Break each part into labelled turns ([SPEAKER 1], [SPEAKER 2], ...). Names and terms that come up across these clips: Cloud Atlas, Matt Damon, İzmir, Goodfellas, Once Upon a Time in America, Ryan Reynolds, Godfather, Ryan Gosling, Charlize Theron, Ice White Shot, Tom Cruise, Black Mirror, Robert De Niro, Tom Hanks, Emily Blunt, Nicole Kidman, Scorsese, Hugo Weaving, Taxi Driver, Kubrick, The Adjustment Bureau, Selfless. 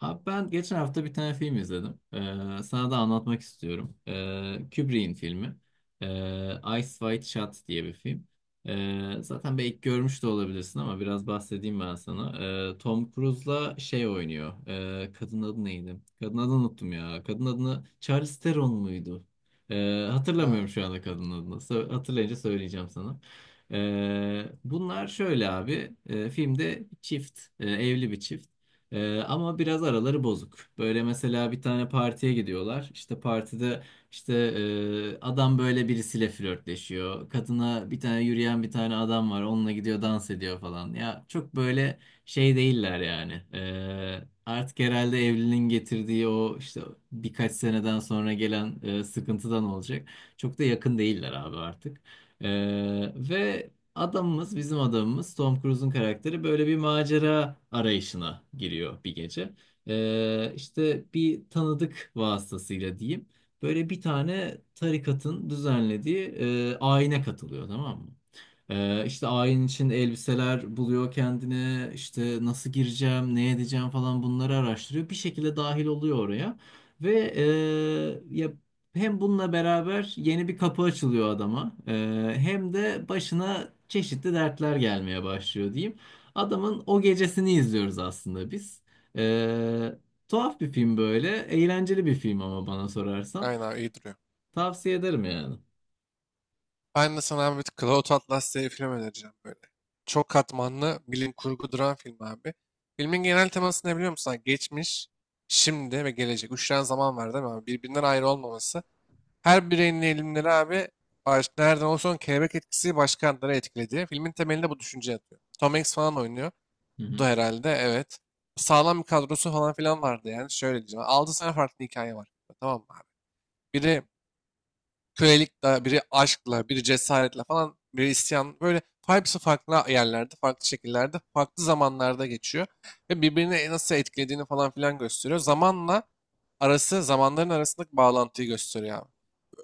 [SPEAKER 1] Abi ben geçen hafta bir tane film izledim. Sana da anlatmak istiyorum. Kubrick'in filmi. Ice White Shot diye bir film. Zaten belki görmüş de olabilirsin ama biraz bahsedeyim ben sana. Tom Cruise'la şey oynuyor. Kadın adı neydi? Kadın adını unuttum ya. Kadın adını Charlize Theron muydu? Hatırlamıyorum
[SPEAKER 2] Ha,
[SPEAKER 1] şu anda kadın adını. Hatırlayınca söyleyeceğim sana. Bunlar şöyle abi. Filmde çift, evli bir çift. Ama biraz araları bozuk. Böyle mesela bir tane partiye gidiyorlar. İşte partide işte adam böyle birisiyle flörtleşiyor. Kadına bir tane yürüyen bir tane adam var. Onunla gidiyor, dans ediyor falan. Ya çok böyle şey değiller yani. Artık herhalde evliliğin getirdiği o işte birkaç seneden sonra gelen sıkıntıdan olacak. Çok da yakın değiller abi artık. Ee, ve Bizim adamımız Tom Cruise'un karakteri böyle bir macera arayışına giriyor bir gece. İşte bir tanıdık vasıtasıyla diyeyim. Böyle bir tane tarikatın düzenlediği ayine katılıyor, tamam mı? İşte ayin için elbiseler buluyor kendine. İşte nasıl gireceğim, ne edeceğim falan bunları araştırıyor. Bir şekilde dahil oluyor oraya. Ya hem bununla beraber yeni bir kapı açılıyor adama, hem de başına çeşitli dertler gelmeye başlıyor diyeyim. Adamın o gecesini izliyoruz aslında biz. Eee, Tuhaf bir film böyle, eğlenceli bir film ama bana sorarsan.
[SPEAKER 2] aynen abi, iyi duruyor.
[SPEAKER 1] Tavsiye ederim yani.
[SPEAKER 2] Ben de sana abi bir Cloud Atlas diye bir film önereceğim böyle. Çok katmanlı bilim kurgu duran film abi. Filmin genel teması ne biliyor musun abi? Geçmiş, şimdi ve gelecek. Üç tane zaman var değil mi abi? Birbirinden ayrı olmaması. Her bireyin eğilimleri abi baş, nereden olsa olsun kelebek etkisi başkanları etkiledi. Filmin temelinde bu düşünce yatıyor. Tom Hanks falan oynuyor.
[SPEAKER 1] Hı
[SPEAKER 2] Bu
[SPEAKER 1] hı.
[SPEAKER 2] herhalde evet. Sağlam bir kadrosu falan filan vardı yani. Şöyle diyeceğim. 6 tane farklı hikaye var. Tamam mı abi? Biri kölelikle, biri aşkla, biri cesaretle falan, biri isyan. Böyle hepsi farklı yerlerde, farklı şekillerde, farklı zamanlarda geçiyor. Ve birbirini nasıl etkilediğini falan filan gösteriyor. Zamanla arası, zamanların arasındaki bağlantıyı gösteriyor abi.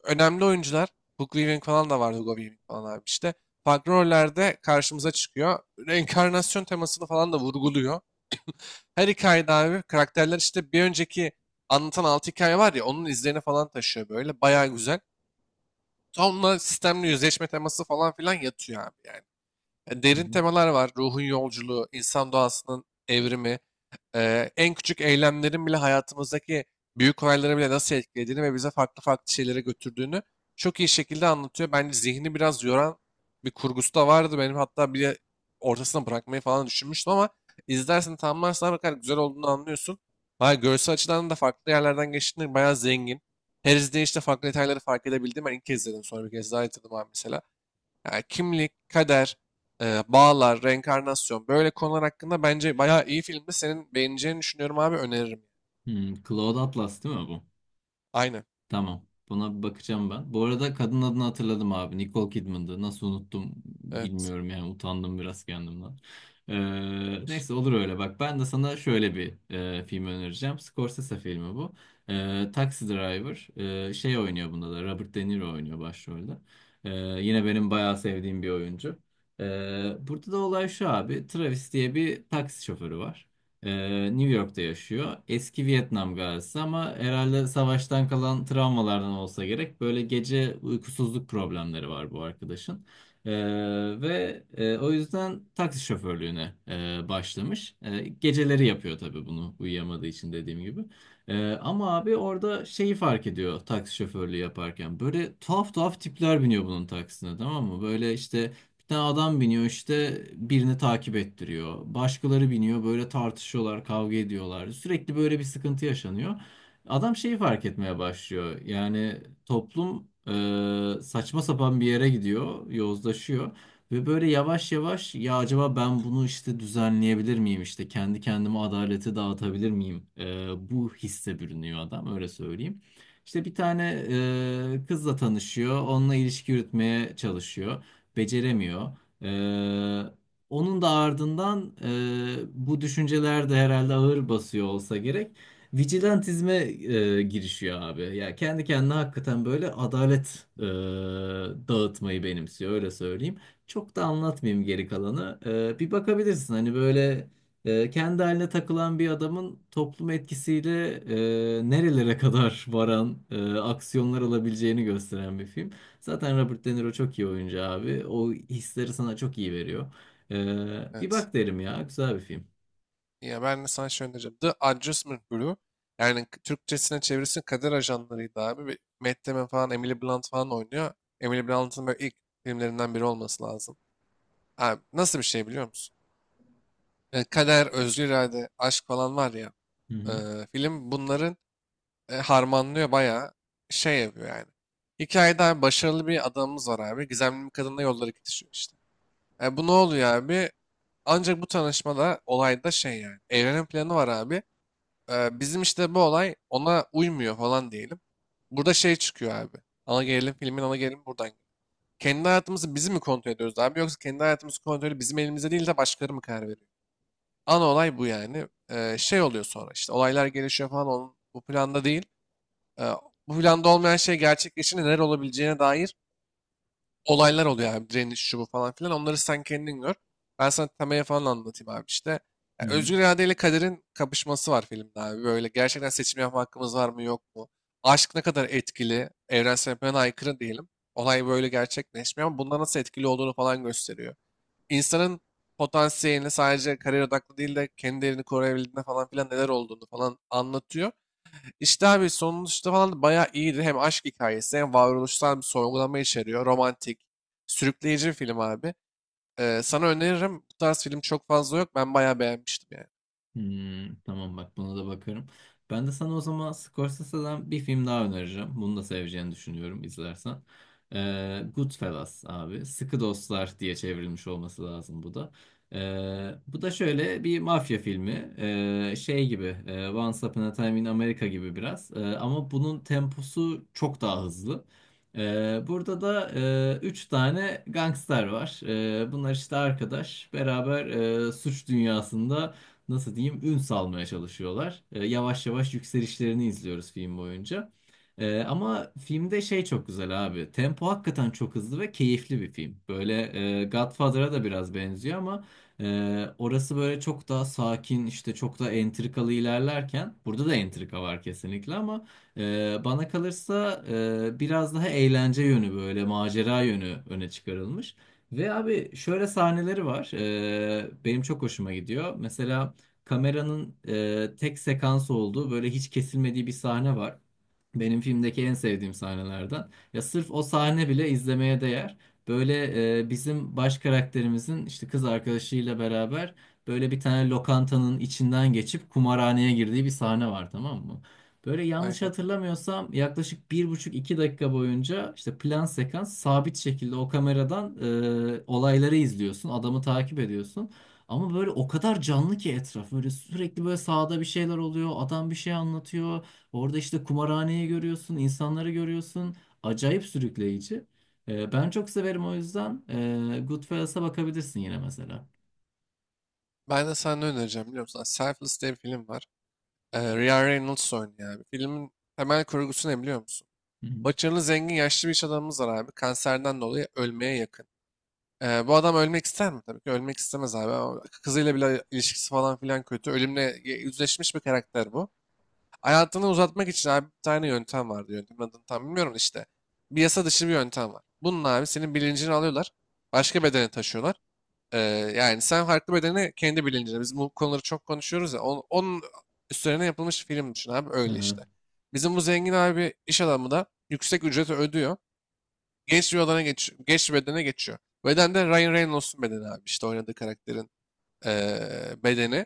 [SPEAKER 2] Önemli oyuncular, Hugo Weaving falan da vardı, Hugo Weaving falan abi işte. Farklı rollerde karşımıza çıkıyor. Reenkarnasyon temasını falan da vurguluyor. Her hikayede abi karakterler işte bir önceki anlatan altı hikaye var ya onun izlerini falan taşıyor böyle. Bayağı güzel. Sonra sistemli yüzleşme teması falan filan yatıyor abi yani.
[SPEAKER 1] Hı
[SPEAKER 2] Derin
[SPEAKER 1] hı.
[SPEAKER 2] temalar var. Ruhun yolculuğu, insan doğasının evrimi, en küçük eylemlerin bile hayatımızdaki büyük olayları bile nasıl etkilediğini ve bize farklı farklı şeylere götürdüğünü çok iyi şekilde anlatıyor. Bence zihni biraz yoran bir kurgusu da vardı. Benim hatta bir ortasına bırakmayı falan düşünmüştüm ama izlersen tamamlarsan ne kadar güzel olduğunu anlıyorsun. Hayır, görsel açıdan da farklı yerlerden geçtiğinde bayağı zengin. Her izleyişte farklı detayları fark edebildim. Ben ilk kez izledim sonra bir kez daha izledim abi mesela. Yani kimlik, kader, bağlar, reenkarnasyon böyle konular hakkında bence bayağı iyi filmdi. Senin beğeneceğini düşünüyorum abi, öneririm.
[SPEAKER 1] Hmm, Cloud Atlas değil mi bu?
[SPEAKER 2] Aynen.
[SPEAKER 1] Tamam. Buna bir bakacağım ben. Bu arada kadın adını hatırladım abi. Nicole Kidman'dı. Nasıl unuttum
[SPEAKER 2] Evet.
[SPEAKER 1] bilmiyorum yani. Utandım biraz kendimden. Neyse, olur öyle. Bak ben de sana şöyle bir film önereceğim. Scorsese filmi bu. Taxi Driver. Şey oynuyor bunda da. Robert De Niro oynuyor başrolde. Ee, Yine benim bayağı sevdiğim bir oyuncu. Burada da olay şu abi. Travis diye bir taksi şoförü var. New York'ta yaşıyor. Eski Vietnam gazisi ama herhalde savaştan kalan travmalardan olsa gerek. Böyle gece uykusuzluk problemleri var bu arkadaşın. Ee, O yüzden taksi şoförlüğüne başlamış. E, geceleri yapıyor tabii bunu uyuyamadığı için dediğim gibi. E, ama abi orada şeyi fark ediyor taksi şoförlüğü yaparken. Böyle tuhaf tuhaf tipler biniyor bunun taksisine, tamam mı? Böyle işte bir tane adam biniyor, işte birini takip ettiriyor. Başkaları biniyor böyle, tartışıyorlar, kavga ediyorlar. Sürekli böyle bir sıkıntı yaşanıyor. Adam şeyi fark etmeye başlıyor. Yani toplum saçma sapan bir yere gidiyor, yozlaşıyor. Ve böyle yavaş yavaş ya acaba ben bunu işte düzenleyebilir miyim, işte kendi kendime adaleti dağıtabilir miyim? Bu hisse bürünüyor adam, öyle söyleyeyim. İşte bir tane kızla tanışıyor, onunla ilişki yürütmeye çalışıyor, beceremiyor. Ee, Onun da ardından bu düşünceler de herhalde ağır basıyor olsa gerek. Vigilantizme girişiyor abi. Ya kendi kendine hakikaten böyle adalet dağıtmayı benimsiyor, öyle söyleyeyim. Çok da anlatmayayım geri kalanı. E, bir bakabilirsin hani böyle kendi haline takılan bir adamın toplum etkisiyle nerelere kadar varan aksiyonlar alabileceğini gösteren bir film. Zaten Robert De Niro çok iyi oyuncu abi. O hisleri sana çok iyi veriyor. Bir
[SPEAKER 2] Evet.
[SPEAKER 1] bak derim ya. Güzel bir film.
[SPEAKER 2] Ya ben de sana şey önereceğim. The Adjustment Bureau. Yani Türkçesine çevirisi kader ajanlarıydı abi. Bir Matt Damon falan, Emily Blunt falan oynuyor. Emily Blunt'ın böyle ilk filmlerinden biri olması lazım. Abi nasıl bir şey biliyor musun? E, kader, özgür irade, aşk falan var ya.
[SPEAKER 1] Hı
[SPEAKER 2] e,
[SPEAKER 1] hı.
[SPEAKER 2] Film bunların harmanlıyor, bayağı şey yapıyor yani. Hikayede abi başarılı bir adamımız var abi. Gizemli bir kadınla yolları kesişiyor işte. E, bu ne oluyor abi? Ancak bu tanışmada olayda şey yani. Evrenin planı var abi. E, bizim işte bu olay ona uymuyor falan diyelim. Burada şey çıkıyor abi. Ana gerilim, filmin ana gerilimi buradan geliyor. Kendi hayatımızı biz mi kontrol ediyoruz abi, yoksa kendi hayatımızın kontrolü bizim elimizde değil de başkaları mı karar veriyor? Ana olay bu yani. E, şey oluyor sonra işte olaylar gelişiyor falan, onun bu planda değil. Ee, Bu planda olmayan şey gerçekleşince neler olabileceğine dair olaylar oluyor abi. Direniş, şu bu falan filan. Onları sen kendin gör. Ben sana temaya falan anlatayım abi işte.
[SPEAKER 1] Hı
[SPEAKER 2] Ya,
[SPEAKER 1] hı.
[SPEAKER 2] özgür irade ile kaderin kapışması var filmde abi. Böyle gerçekten seçim yapma hakkımız var mı yok mu? Aşk ne kadar etkili? Evrensel yapıya aykırı diyelim. Olay böyle gerçekleşmiyor ama bunlar nasıl etkili olduğunu falan gösteriyor. İnsanın potansiyelini sadece kariyer odaklı değil de kendi değerini koruyabildiğinde falan filan neler olduğunu falan anlatıyor. İşte abi sonuçta falan da bayağı iyiydi. Hem aşk hikayesi hem varoluşsal bir sorgulama içeriyor. Romantik, sürükleyici bir film abi. Sana öneririm. Bu tarz film çok fazla yok. Ben bayağı beğenmiştim yani.
[SPEAKER 1] Hmm, tamam, bak buna da bakarım. Ben de sana o zaman Scorsese'den bir film daha önereceğim. Bunu da seveceğini düşünüyorum izlersen. Goodfellas abi. Sıkı Dostlar diye çevrilmiş olması lazım bu da. Bu da şöyle bir mafya filmi. Şey gibi, Once Upon a Time in America gibi biraz. Ama bunun temposu çok daha hızlı. Burada da üç tane gangster var. Bunlar işte arkadaş. Beraber suç dünyasında nasıl diyeyim ün salmaya çalışıyorlar. E, yavaş yavaş yükselişlerini izliyoruz film boyunca. E, ama filmde şey çok güzel abi. Tempo hakikaten çok hızlı ve keyifli bir film. Böyle Godfather'a da biraz benziyor ama orası böyle çok daha sakin, işte çok da entrikalı ilerlerken burada da entrika var kesinlikle ama bana kalırsa biraz daha eğlence yönü, böyle macera yönü öne çıkarılmış. Ve abi şöyle sahneleri var. Benim çok hoşuma gidiyor. Mesela kameranın tek sekans olduğu, böyle hiç kesilmediği bir sahne var. Benim filmdeki en sevdiğim sahnelerden. Ya sırf o sahne bile izlemeye değer. Böyle bizim baş karakterimizin işte kız arkadaşıyla beraber böyle bir tane lokantanın içinden geçip kumarhaneye girdiği bir sahne var, tamam mı? Böyle yanlış
[SPEAKER 2] Aynen.
[SPEAKER 1] hatırlamıyorsam yaklaşık bir buçuk iki dakika boyunca işte plan sekans sabit şekilde o kameradan olayları izliyorsun, adamı takip ediyorsun. Ama böyle o kadar canlı ki etraf. Böyle sürekli böyle sahada bir şeyler oluyor. Adam bir şey anlatıyor. Orada işte kumarhaneyi görüyorsun, insanları görüyorsun. Acayip sürükleyici. Ben çok severim o yüzden. Goodfellas'a bakabilirsin yine mesela.
[SPEAKER 2] Ben de sana ne önereceğim biliyor musun? Selfless diye bir film var. Ryan Reynolds oynuyor abi. Filmin temel kurgusu ne biliyor musun?
[SPEAKER 1] Hı hı.
[SPEAKER 2] Başarılı, zengin, yaşlı bir iş adamımız var abi. Kanserden dolayı ölmeye yakın. Bu adam ölmek ister mi? Tabii ki ölmek istemez abi. Ama kızıyla bile ilişkisi falan filan kötü. Ölümle yüzleşmiş bir karakter bu. Hayatını uzatmak için abi bir tane yöntem vardı. Yöntemin adını tam bilmiyorum da işte. Bir yasa dışı bir yöntem var. Bunun abi senin bilincini alıyorlar. Başka bedene taşıyorlar. Ee, Yani sen farklı bedene, kendi bilincine. Biz bu konuları çok konuşuyoruz ya. Onun, üstlerine yapılmış film düşün abi
[SPEAKER 1] Hı
[SPEAKER 2] öyle
[SPEAKER 1] hı.
[SPEAKER 2] işte. Bizim bu zengin abi iş adamı da yüksek ücreti ödüyor. Genç bir odana geç, genç bir bedene geçiyor. Beden de Ryan Reynolds'un bedeni abi, işte oynadığı karakterin bedeni,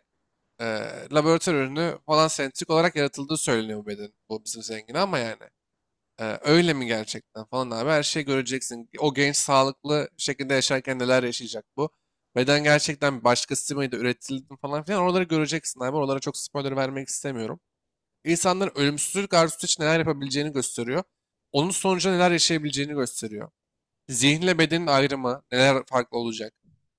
[SPEAKER 2] laboratuvar ürünü falan sentetik olarak yaratıldığı söyleniyor bu beden. Bu bizim zengin ama yani. Öyle mi gerçekten falan abi, her şeyi göreceksin. O genç sağlıklı şekilde yaşarken neler yaşayacak bu. Beden gerçekten başkası mıydı, üretildi mi falan filan, oraları göreceksin abi. Oralara çok spoiler vermek istemiyorum. İnsanların ölümsüzlük arzusu için neler yapabileceğini gösteriyor. Onun sonucu neler yaşayabileceğini gösteriyor. Zihinle bedenin ayrımı neler farklı olacak?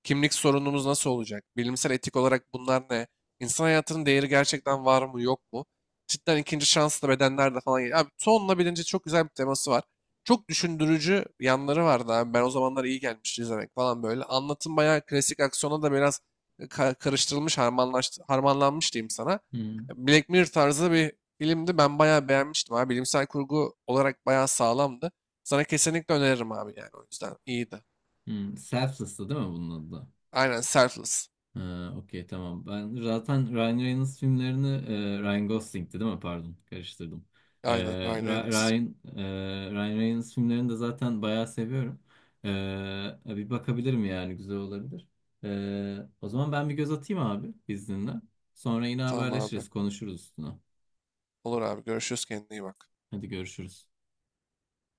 [SPEAKER 2] Kimlik sorunumuz nasıl olacak? Bilimsel etik olarak bunlar ne? İnsan hayatının değeri gerçekten var mı yok mu? Cidden ikinci şanslı bedenler de falan geliyor. Abi tonla bilince çok güzel bir teması var. Çok düşündürücü yanları vardı abi. Ben o zamanlar iyi gelmişti izlemek falan böyle. Anlatım bayağı klasik aksiyona da biraz karıştırılmış, harmanlanmış diyeyim sana.
[SPEAKER 1] Hı
[SPEAKER 2] Black Mirror tarzı bir filmdi. Ben bayağı beğenmiştim abi. Bilimsel kurgu olarak bayağı sağlamdı. Sana kesinlikle öneririm abi yani o yüzden. İyiydi.
[SPEAKER 1] hı. Selfless'tı değil mi bunun adı da?
[SPEAKER 2] Aynen, Selfless.
[SPEAKER 1] Ha, okey tamam. Ben zaten Ryan Reynolds filmlerini Ryan Gosling'ti değil mi? Pardon, karıştırdım. E,
[SPEAKER 2] Aynen, Ryan Reynolds.
[SPEAKER 1] Ryan Reynolds filmlerini de zaten bayağı seviyorum. E, Bir bakabilirim yani, güzel olabilir. E, o zaman ben bir göz atayım abi izninle. Sonra yine
[SPEAKER 2] Tamam abi.
[SPEAKER 1] haberleşiriz, konuşuruz üstüne.
[SPEAKER 2] Olur abi. Görüşürüz. Kendine iyi bak.
[SPEAKER 1] Hadi görüşürüz.